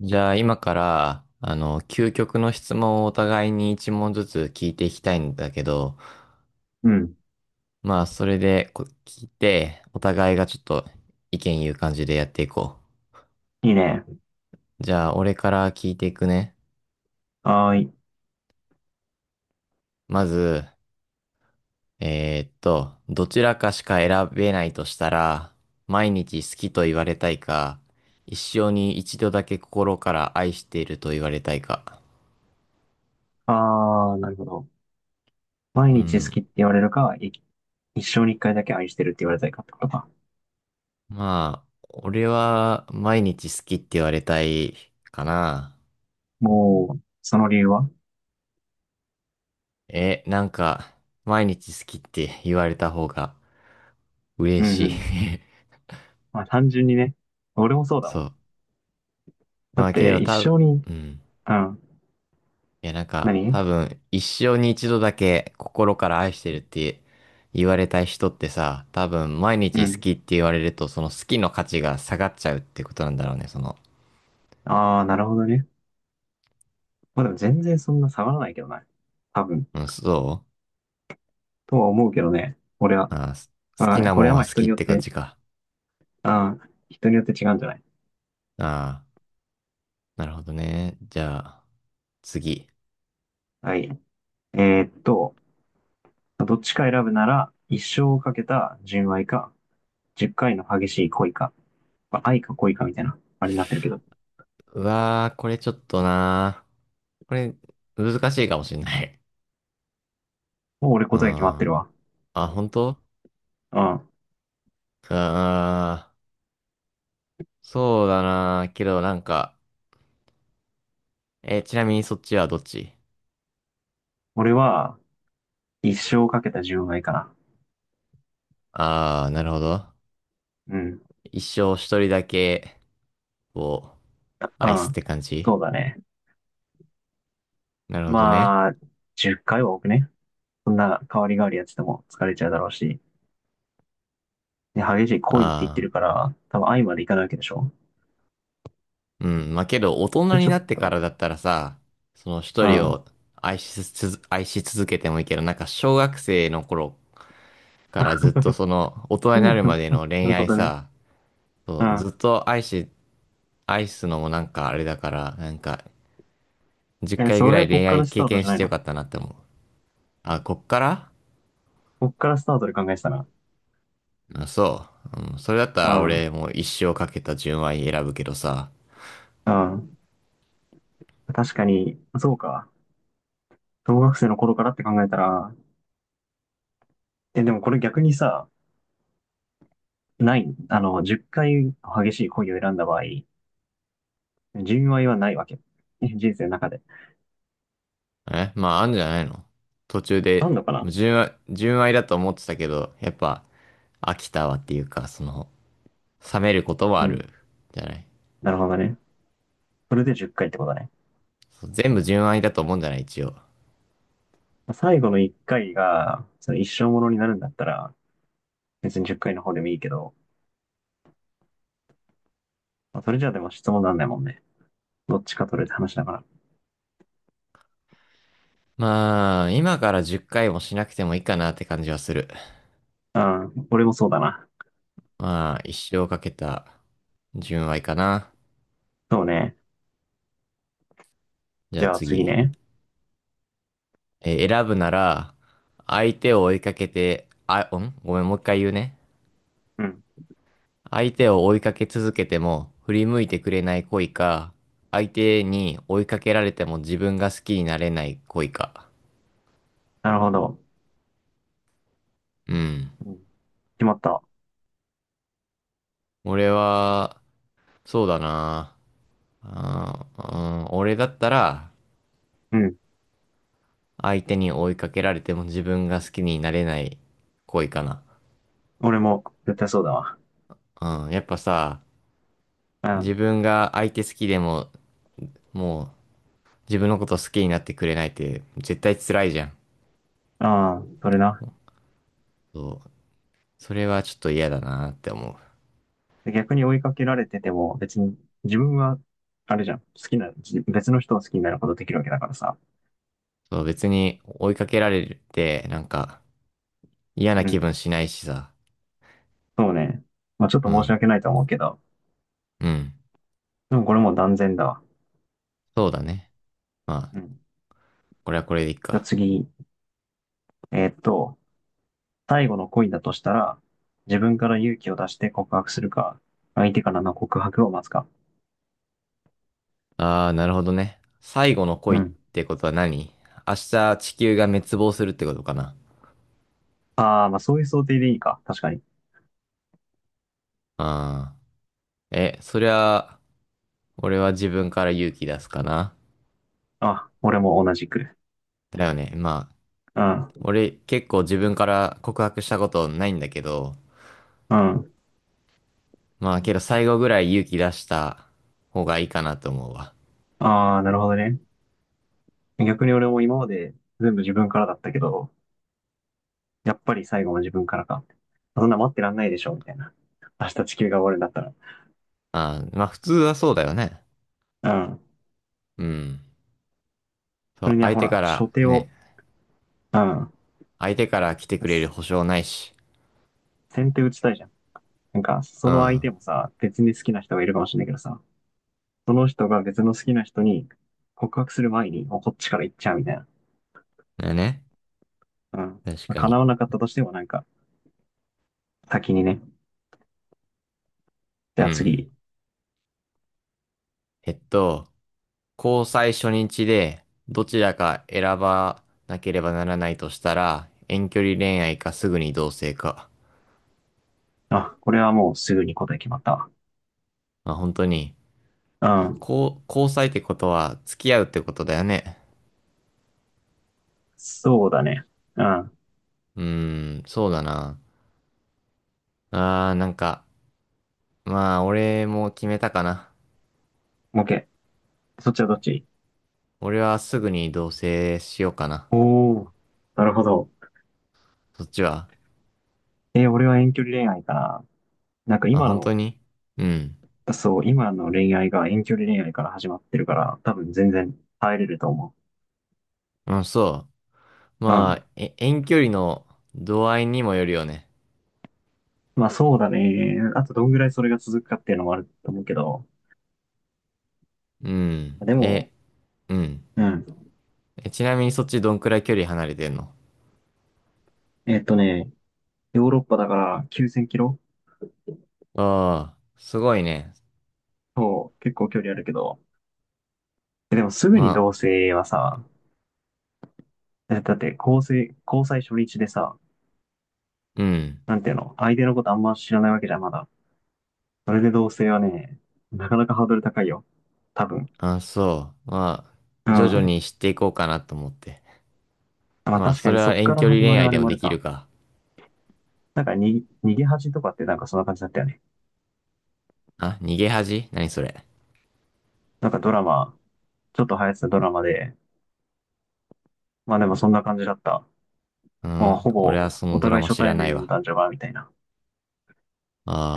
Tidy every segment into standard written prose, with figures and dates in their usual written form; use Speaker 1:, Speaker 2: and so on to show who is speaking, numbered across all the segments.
Speaker 1: じゃあ今から、究極の質問をお互いに一問ずつ聞いていきたいんだけど、
Speaker 2: うん。
Speaker 1: まあそれで聞いて、お互いがちょっと意見言う感じでやっていこ
Speaker 2: いいね。
Speaker 1: う。じゃあ俺から聞いていくね。
Speaker 2: はーい。
Speaker 1: まず、どちらかしか選べないとしたら、毎日好きと言われたいか、一生に一度だけ心から愛していると言われたいか。
Speaker 2: あー、なるほど。毎
Speaker 1: う
Speaker 2: 日好
Speaker 1: ん。
Speaker 2: きって言われるか、一生に一回だけ愛してるって言われたいかってことか。
Speaker 1: まあ、俺は毎日好きって言われたいかな。
Speaker 2: もう、その理由は？
Speaker 1: なんか、毎日好きって言われた方が嬉
Speaker 2: うんう
Speaker 1: しい。
Speaker 2: ん。まあ、単純にね。俺もそ うだ
Speaker 1: そ
Speaker 2: わ。
Speaker 1: う。
Speaker 2: だ
Speaker 1: ま
Speaker 2: っ
Speaker 1: あけ
Speaker 2: て、
Speaker 1: ど
Speaker 2: 一
Speaker 1: 多
Speaker 2: 生
Speaker 1: 分、
Speaker 2: に、
Speaker 1: うん。
Speaker 2: うん。
Speaker 1: いやなんか、
Speaker 2: 何？
Speaker 1: 多分、一生に一度だけ心から愛してるって言われたい人ってさ、多分、毎
Speaker 2: う
Speaker 1: 日好
Speaker 2: ん。
Speaker 1: きって言われると、その好きの価値が下がっちゃうってことなんだろうね。
Speaker 2: あー、なるほどね。まあでも全然そんな下がらないけどな。多分。
Speaker 1: うん、そ
Speaker 2: とは思うけどね。俺は。
Speaker 1: う。ああ、好き
Speaker 2: あ
Speaker 1: な
Speaker 2: こ
Speaker 1: も
Speaker 2: れ
Speaker 1: ん
Speaker 2: はま
Speaker 1: は
Speaker 2: あ
Speaker 1: 好
Speaker 2: 人
Speaker 1: きっ
Speaker 2: によっ
Speaker 1: て感
Speaker 2: て、
Speaker 1: じか。
Speaker 2: あー、人によって違うんじゃない？
Speaker 1: ああ、なるほどね。じゃあ。次。
Speaker 2: はい。えーっと、どっちか選ぶなら、一生をかけた純愛か、10回の激しい恋か、まあ愛か恋かみたいな、あれになってるけど。
Speaker 1: うわー、これちょっとなー。これ、難しいかもしんない。
Speaker 2: もう俺
Speaker 1: う
Speaker 2: 答え決まって
Speaker 1: ん。
Speaker 2: るわ。
Speaker 1: あ、本当
Speaker 2: うん。
Speaker 1: あそうだなー。けど、なんか、ちなみにそっちはどっち？
Speaker 2: 俺は、一生かけた純愛かな。
Speaker 1: あー、なるほど。
Speaker 2: うん。
Speaker 1: 一生一人だけ、を
Speaker 2: う
Speaker 1: 愛すっ
Speaker 2: ん。
Speaker 1: て感じ？
Speaker 2: そうだね。
Speaker 1: なるほどね。
Speaker 2: まあ、10回は多くね？そんな代わり代わりやってても疲れちゃうだろうし。で、激しい恋って言って
Speaker 1: あ
Speaker 2: るから、多分愛までいかないわけでしょ。
Speaker 1: ー、うん。まあ、けど、大人
Speaker 2: で、
Speaker 1: に
Speaker 2: ちょ
Speaker 1: な
Speaker 2: っ
Speaker 1: ってか
Speaker 2: と、
Speaker 1: らだったらさ、その一
Speaker 2: う
Speaker 1: 人
Speaker 2: ん。
Speaker 1: を愛しつつ、愛し続けてもいいけど、なんか、小学生の頃からずっとその、大 人になるまでの
Speaker 2: な
Speaker 1: 恋
Speaker 2: るほ
Speaker 1: 愛
Speaker 2: どね。
Speaker 1: さ、そ
Speaker 2: う
Speaker 1: う、ず
Speaker 2: ん。
Speaker 1: っと愛し、愛すのもなんかあれだから、なんか、10
Speaker 2: え、
Speaker 1: 回
Speaker 2: そ
Speaker 1: ぐ
Speaker 2: れ
Speaker 1: ら
Speaker 2: は
Speaker 1: い
Speaker 2: こっ
Speaker 1: 恋
Speaker 2: か
Speaker 1: 愛
Speaker 2: らスタ
Speaker 1: 経
Speaker 2: ート
Speaker 1: 験
Speaker 2: じゃ
Speaker 1: し
Speaker 2: ない
Speaker 1: てよ
Speaker 2: の？
Speaker 1: かったなって思う。あ、こっから
Speaker 2: こっからスタートで考えてたな。
Speaker 1: そう。うん、それだった
Speaker 2: う
Speaker 1: ら俺
Speaker 2: ん。
Speaker 1: もう一生かけた純愛選ぶけどさ。
Speaker 2: うん。確かに、そうか。小学生の頃からって考えたら、え、でもこれ逆にさ、ない、あの、10回激しい恋を選んだ場合、純愛はないわけ。人生の中で。
Speaker 1: まあ、あんじゃないの？途中
Speaker 2: あ
Speaker 1: で、
Speaker 2: んのか
Speaker 1: もう
Speaker 2: な？
Speaker 1: 純愛だと思ってたけど、やっぱ、飽きたわっていうか、その、冷めることも
Speaker 2: う
Speaker 1: ある、
Speaker 2: ん。
Speaker 1: じゃない。
Speaker 2: なるほどね。それで10回っかいってことね。
Speaker 1: そう全部純愛だと思うんじゃない一応。
Speaker 2: 最後の1回が、その一生ものになるんだったら、別に10回の方でもいいけど、まあそれじゃあでも質問なんないもんね。どっちか取れって話だか
Speaker 1: まあ、今から10回もしなくてもいいかなって感じはする。
Speaker 2: ら。うん。俺もそうだな。
Speaker 1: まあ、一生かけた純愛かな。
Speaker 2: そうね。
Speaker 1: じゃ
Speaker 2: じ
Speaker 1: あ
Speaker 2: ゃあ次
Speaker 1: 次。
Speaker 2: ね。
Speaker 1: 選ぶなら、相手を追いかけて、ごめん、もう一回言うね。
Speaker 2: うん。
Speaker 1: 相手を追いかけ続けても振り向いてくれない恋か、相手に追いかけられても自分が好きになれない恋か。
Speaker 2: なるほど。
Speaker 1: うん。
Speaker 2: うん、決まった。
Speaker 1: 俺は、そうだな。うん、俺だったら、
Speaker 2: うん。
Speaker 1: 相手に追いかけられても自分が好きになれない恋かな。
Speaker 2: 俺も絶対そうだわ。
Speaker 1: うん、やっぱさ、
Speaker 2: う
Speaker 1: 自
Speaker 2: ん。
Speaker 1: 分が相手好きでも、もう自分のこと好きになってくれないって絶対辛いじゃん。
Speaker 2: ああ、それな。
Speaker 1: そう。それはちょっと嫌だなって思う。
Speaker 2: で逆に追いかけられてても、別に自分は、あれじゃん、好きな、別の人を好きになることできるわけだからさ。
Speaker 1: そう、別に追いかけられて、なんか嫌な
Speaker 2: う
Speaker 1: 気
Speaker 2: ん。
Speaker 1: 分しないしさ。
Speaker 2: そうね。まあちょっ
Speaker 1: う
Speaker 2: と申し
Speaker 1: ん、
Speaker 2: 訳ないとは思うけど、
Speaker 1: うん。
Speaker 2: でもこれもう断然だわ。
Speaker 1: そうだね。まあ、
Speaker 2: うん。
Speaker 1: これはこれでいい
Speaker 2: じゃあ
Speaker 1: か。
Speaker 2: 次、えーっと、最後の恋だとしたら、自分から勇気を出して告白するか、相手からの告白を待つか。
Speaker 1: ああ、なるほどね。最後の
Speaker 2: う
Speaker 1: 恋っ
Speaker 2: ん。
Speaker 1: てことは何？明日地球が滅亡するってことかな？
Speaker 2: ああ、まあそういう想定でいいか。確かに。
Speaker 1: ああ。そりゃ、俺は自分から勇気出すかな。
Speaker 2: あ、俺も同じく。
Speaker 1: だよね。まあ、
Speaker 2: うん。
Speaker 1: 俺結構自分から告白したことないんだけど、
Speaker 2: うん。
Speaker 1: まあけど最後ぐらい勇気出した方がいいかなと思うわ。
Speaker 2: ああ、なるほどね。逆に俺も今まで全部自分からだったけど、やっぱり最後も自分からか。そんな待ってらんないでしょ、みたいな。明日地球が終わるんだった
Speaker 1: ああ、まあ普通はそうだよね。
Speaker 2: ら。うん。
Speaker 1: うん。そ
Speaker 2: それ
Speaker 1: う、
Speaker 2: には
Speaker 1: 相
Speaker 2: ほ
Speaker 1: 手
Speaker 2: ら、
Speaker 1: か
Speaker 2: 初
Speaker 1: ら
Speaker 2: 手
Speaker 1: ね、
Speaker 2: を、うん。
Speaker 1: 相手から来てくれる保証ないし。
Speaker 2: 先手打ちたいじゃん。なんか、そ
Speaker 1: う
Speaker 2: の相
Speaker 1: ん。
Speaker 2: 手もさ、別に好きな人がいるかもしれないけどさ、その人が別の好きな人に告白する前に、もうこっちから行っちゃうみたいな。
Speaker 1: だよね。
Speaker 2: うん。
Speaker 1: 確
Speaker 2: まあ
Speaker 1: かに。
Speaker 2: 叶わなかったとしてもなんか、先にね。
Speaker 1: う
Speaker 2: じゃあ
Speaker 1: ん。
Speaker 2: 次。
Speaker 1: えっと、交際初日でどちらか選ばなければならないとしたら、遠距離恋愛かすぐに同棲か。
Speaker 2: あ、これはもうすぐに答え決まった
Speaker 1: まあ本当に、
Speaker 2: わ。うん。
Speaker 1: 交際ってことは付き合うってことだよね。
Speaker 2: そうだね。うん。
Speaker 1: うーん、そうだな。なんか、まあ俺も決めたかな。
Speaker 2: OK。そっちはどっち？
Speaker 1: 俺はすぐに同棲しようかな。
Speaker 2: おおー。なるほど。
Speaker 1: そっちは？
Speaker 2: 俺は遠距離恋愛かな。なんか
Speaker 1: まあ、
Speaker 2: 今
Speaker 1: 本当
Speaker 2: の、
Speaker 1: にうん。
Speaker 2: そう、今の恋愛が遠距離恋愛から始まってるから、多分全然耐えれると思
Speaker 1: うん、そう。
Speaker 2: う。う
Speaker 1: まあ、
Speaker 2: ん。
Speaker 1: 遠距離の度合いにもよるよね。
Speaker 2: まあそうだね。あとどんぐらいそれが続くかっていうのもあると思うけど。
Speaker 1: うん。
Speaker 2: でも、
Speaker 1: うん。
Speaker 2: うん。
Speaker 1: ちなみにそっちどんくらい距離離れてんの？
Speaker 2: えっとね、ヨーロッパだから9000キロ。
Speaker 1: ああ、すごいね。
Speaker 2: そう、結構距離あるけど。でもすぐ
Speaker 1: ま
Speaker 2: に
Speaker 1: あ、
Speaker 2: 同棲はさ、だって交際初日でさ、
Speaker 1: うん。
Speaker 2: なんていうの、相手のことあんま知らないわけじゃん、まだ。それで同棲はね、なかなかハードル高いよ。多分。
Speaker 1: あ、そう。まあ、
Speaker 2: う
Speaker 1: 徐々
Speaker 2: ん。
Speaker 1: に知っていこうかなと思って。
Speaker 2: まあ
Speaker 1: まあ、
Speaker 2: 確
Speaker 1: そ
Speaker 2: か
Speaker 1: れ
Speaker 2: にそ
Speaker 1: は
Speaker 2: っか
Speaker 1: 遠
Speaker 2: ら
Speaker 1: 距離
Speaker 2: 始
Speaker 1: 恋
Speaker 2: まる
Speaker 1: 愛
Speaker 2: あれ
Speaker 1: でも
Speaker 2: もあ
Speaker 1: で
Speaker 2: る
Speaker 1: き
Speaker 2: か。
Speaker 1: るか。
Speaker 2: なんかに、逃げ恥とかってなんかそんな感じだったよね。
Speaker 1: あ、逃げ恥何それ？
Speaker 2: なんかドラマ、ちょっと流行ってたドラマで、まあでもそんな感じだった。
Speaker 1: う
Speaker 2: もう
Speaker 1: ん、
Speaker 2: ほ
Speaker 1: 俺は
Speaker 2: ぼ
Speaker 1: そ
Speaker 2: お
Speaker 1: のドラ
Speaker 2: 互い
Speaker 1: マ
Speaker 2: 初
Speaker 1: 知ら
Speaker 2: 対
Speaker 1: ない
Speaker 2: 面の
Speaker 1: わ。
Speaker 2: 男女が、みたいな。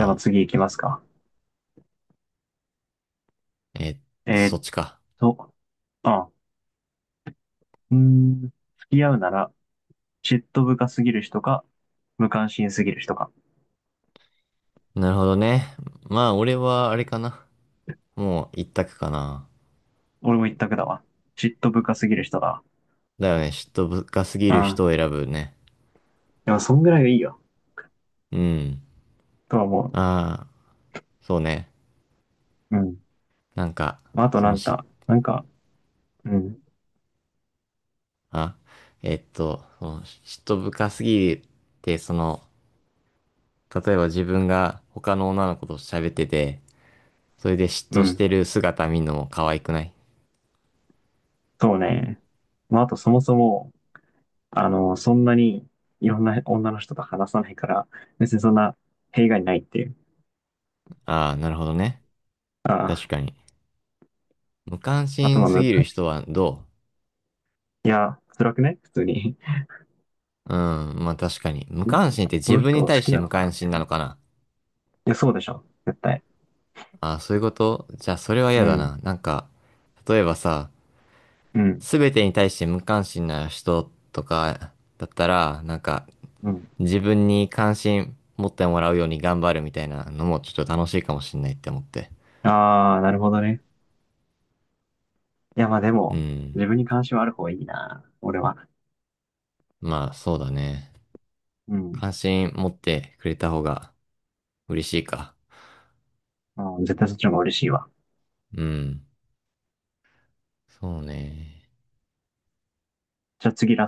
Speaker 2: じゃあ
Speaker 1: あ、
Speaker 2: 次行きますか。
Speaker 1: え、
Speaker 2: え
Speaker 1: そ
Speaker 2: ーっ
Speaker 1: っちか。
Speaker 2: と、あ、付き合うなら、嫉妬深すぎる人か、無関心すぎる人か。
Speaker 1: なるほどね。まあ、俺はあれかな。もう一択かな。
Speaker 2: 俺も一択だわ。嫉妬深すぎる人だわ。
Speaker 1: だよね、嫉妬深すぎる
Speaker 2: あ
Speaker 1: 人を
Speaker 2: ー、
Speaker 1: 選ぶね。
Speaker 2: でもそんぐらいがいいよ。
Speaker 1: うん。
Speaker 2: とは思
Speaker 1: ああ、そうね。
Speaker 2: う。うん。
Speaker 1: なんか、
Speaker 2: まあ、あと
Speaker 1: そ
Speaker 2: な
Speaker 1: の
Speaker 2: ん
Speaker 1: 嫉
Speaker 2: か、なんか、うん、
Speaker 1: あ、えっと、その嫉妬深すぎて、その、例えば自分が他の女の子と喋ってて、それで嫉
Speaker 2: う
Speaker 1: 妬し
Speaker 2: ん、
Speaker 1: てる姿見るのも可愛くない？
Speaker 2: そうね。まあ、あとそもそも、そんなにいろんな女の人と話さないから、別にそんな弊害ないっていう。
Speaker 1: ああ、なるほどね。確
Speaker 2: あ
Speaker 1: かに。無関
Speaker 2: あ、あと
Speaker 1: 心
Speaker 2: まあ
Speaker 1: すぎる
Speaker 2: 昔、
Speaker 1: 人はど
Speaker 2: いや、辛くね普通に。
Speaker 1: う？うん、まあ確かに。無
Speaker 2: ん
Speaker 1: 関心って
Speaker 2: こ
Speaker 1: 自
Speaker 2: の
Speaker 1: 分
Speaker 2: 人
Speaker 1: に
Speaker 2: 好
Speaker 1: 対し
Speaker 2: き
Speaker 1: て
Speaker 2: な
Speaker 1: 無
Speaker 2: のかな
Speaker 1: 関
Speaker 2: みた
Speaker 1: 心
Speaker 2: い
Speaker 1: な
Speaker 2: な。い
Speaker 1: のかな？
Speaker 2: や、そうでしょ。絶対。
Speaker 1: ああ、そういうこと？じゃあそれは嫌
Speaker 2: う
Speaker 1: だな。
Speaker 2: ん、
Speaker 1: なんか、例えばさ、
Speaker 2: うん、
Speaker 1: すべてに対して無関心な人とかだったら、なんか、
Speaker 2: うん。
Speaker 1: 自分に関心持ってもらうように頑張るみたいなのもちょっと楽しいかもしんないって思って。
Speaker 2: ああ、なるほどね。いや、まあで
Speaker 1: う
Speaker 2: も、
Speaker 1: ん。
Speaker 2: 自分に関心はある方がいいな。俺は。
Speaker 1: まあそうだね。
Speaker 2: うん。
Speaker 1: 関心持ってくれた方が嬉しいか。
Speaker 2: うん、絶対そっちの方が嬉しいわ。
Speaker 1: うん。そうね。
Speaker 2: じゃあ次ラスト。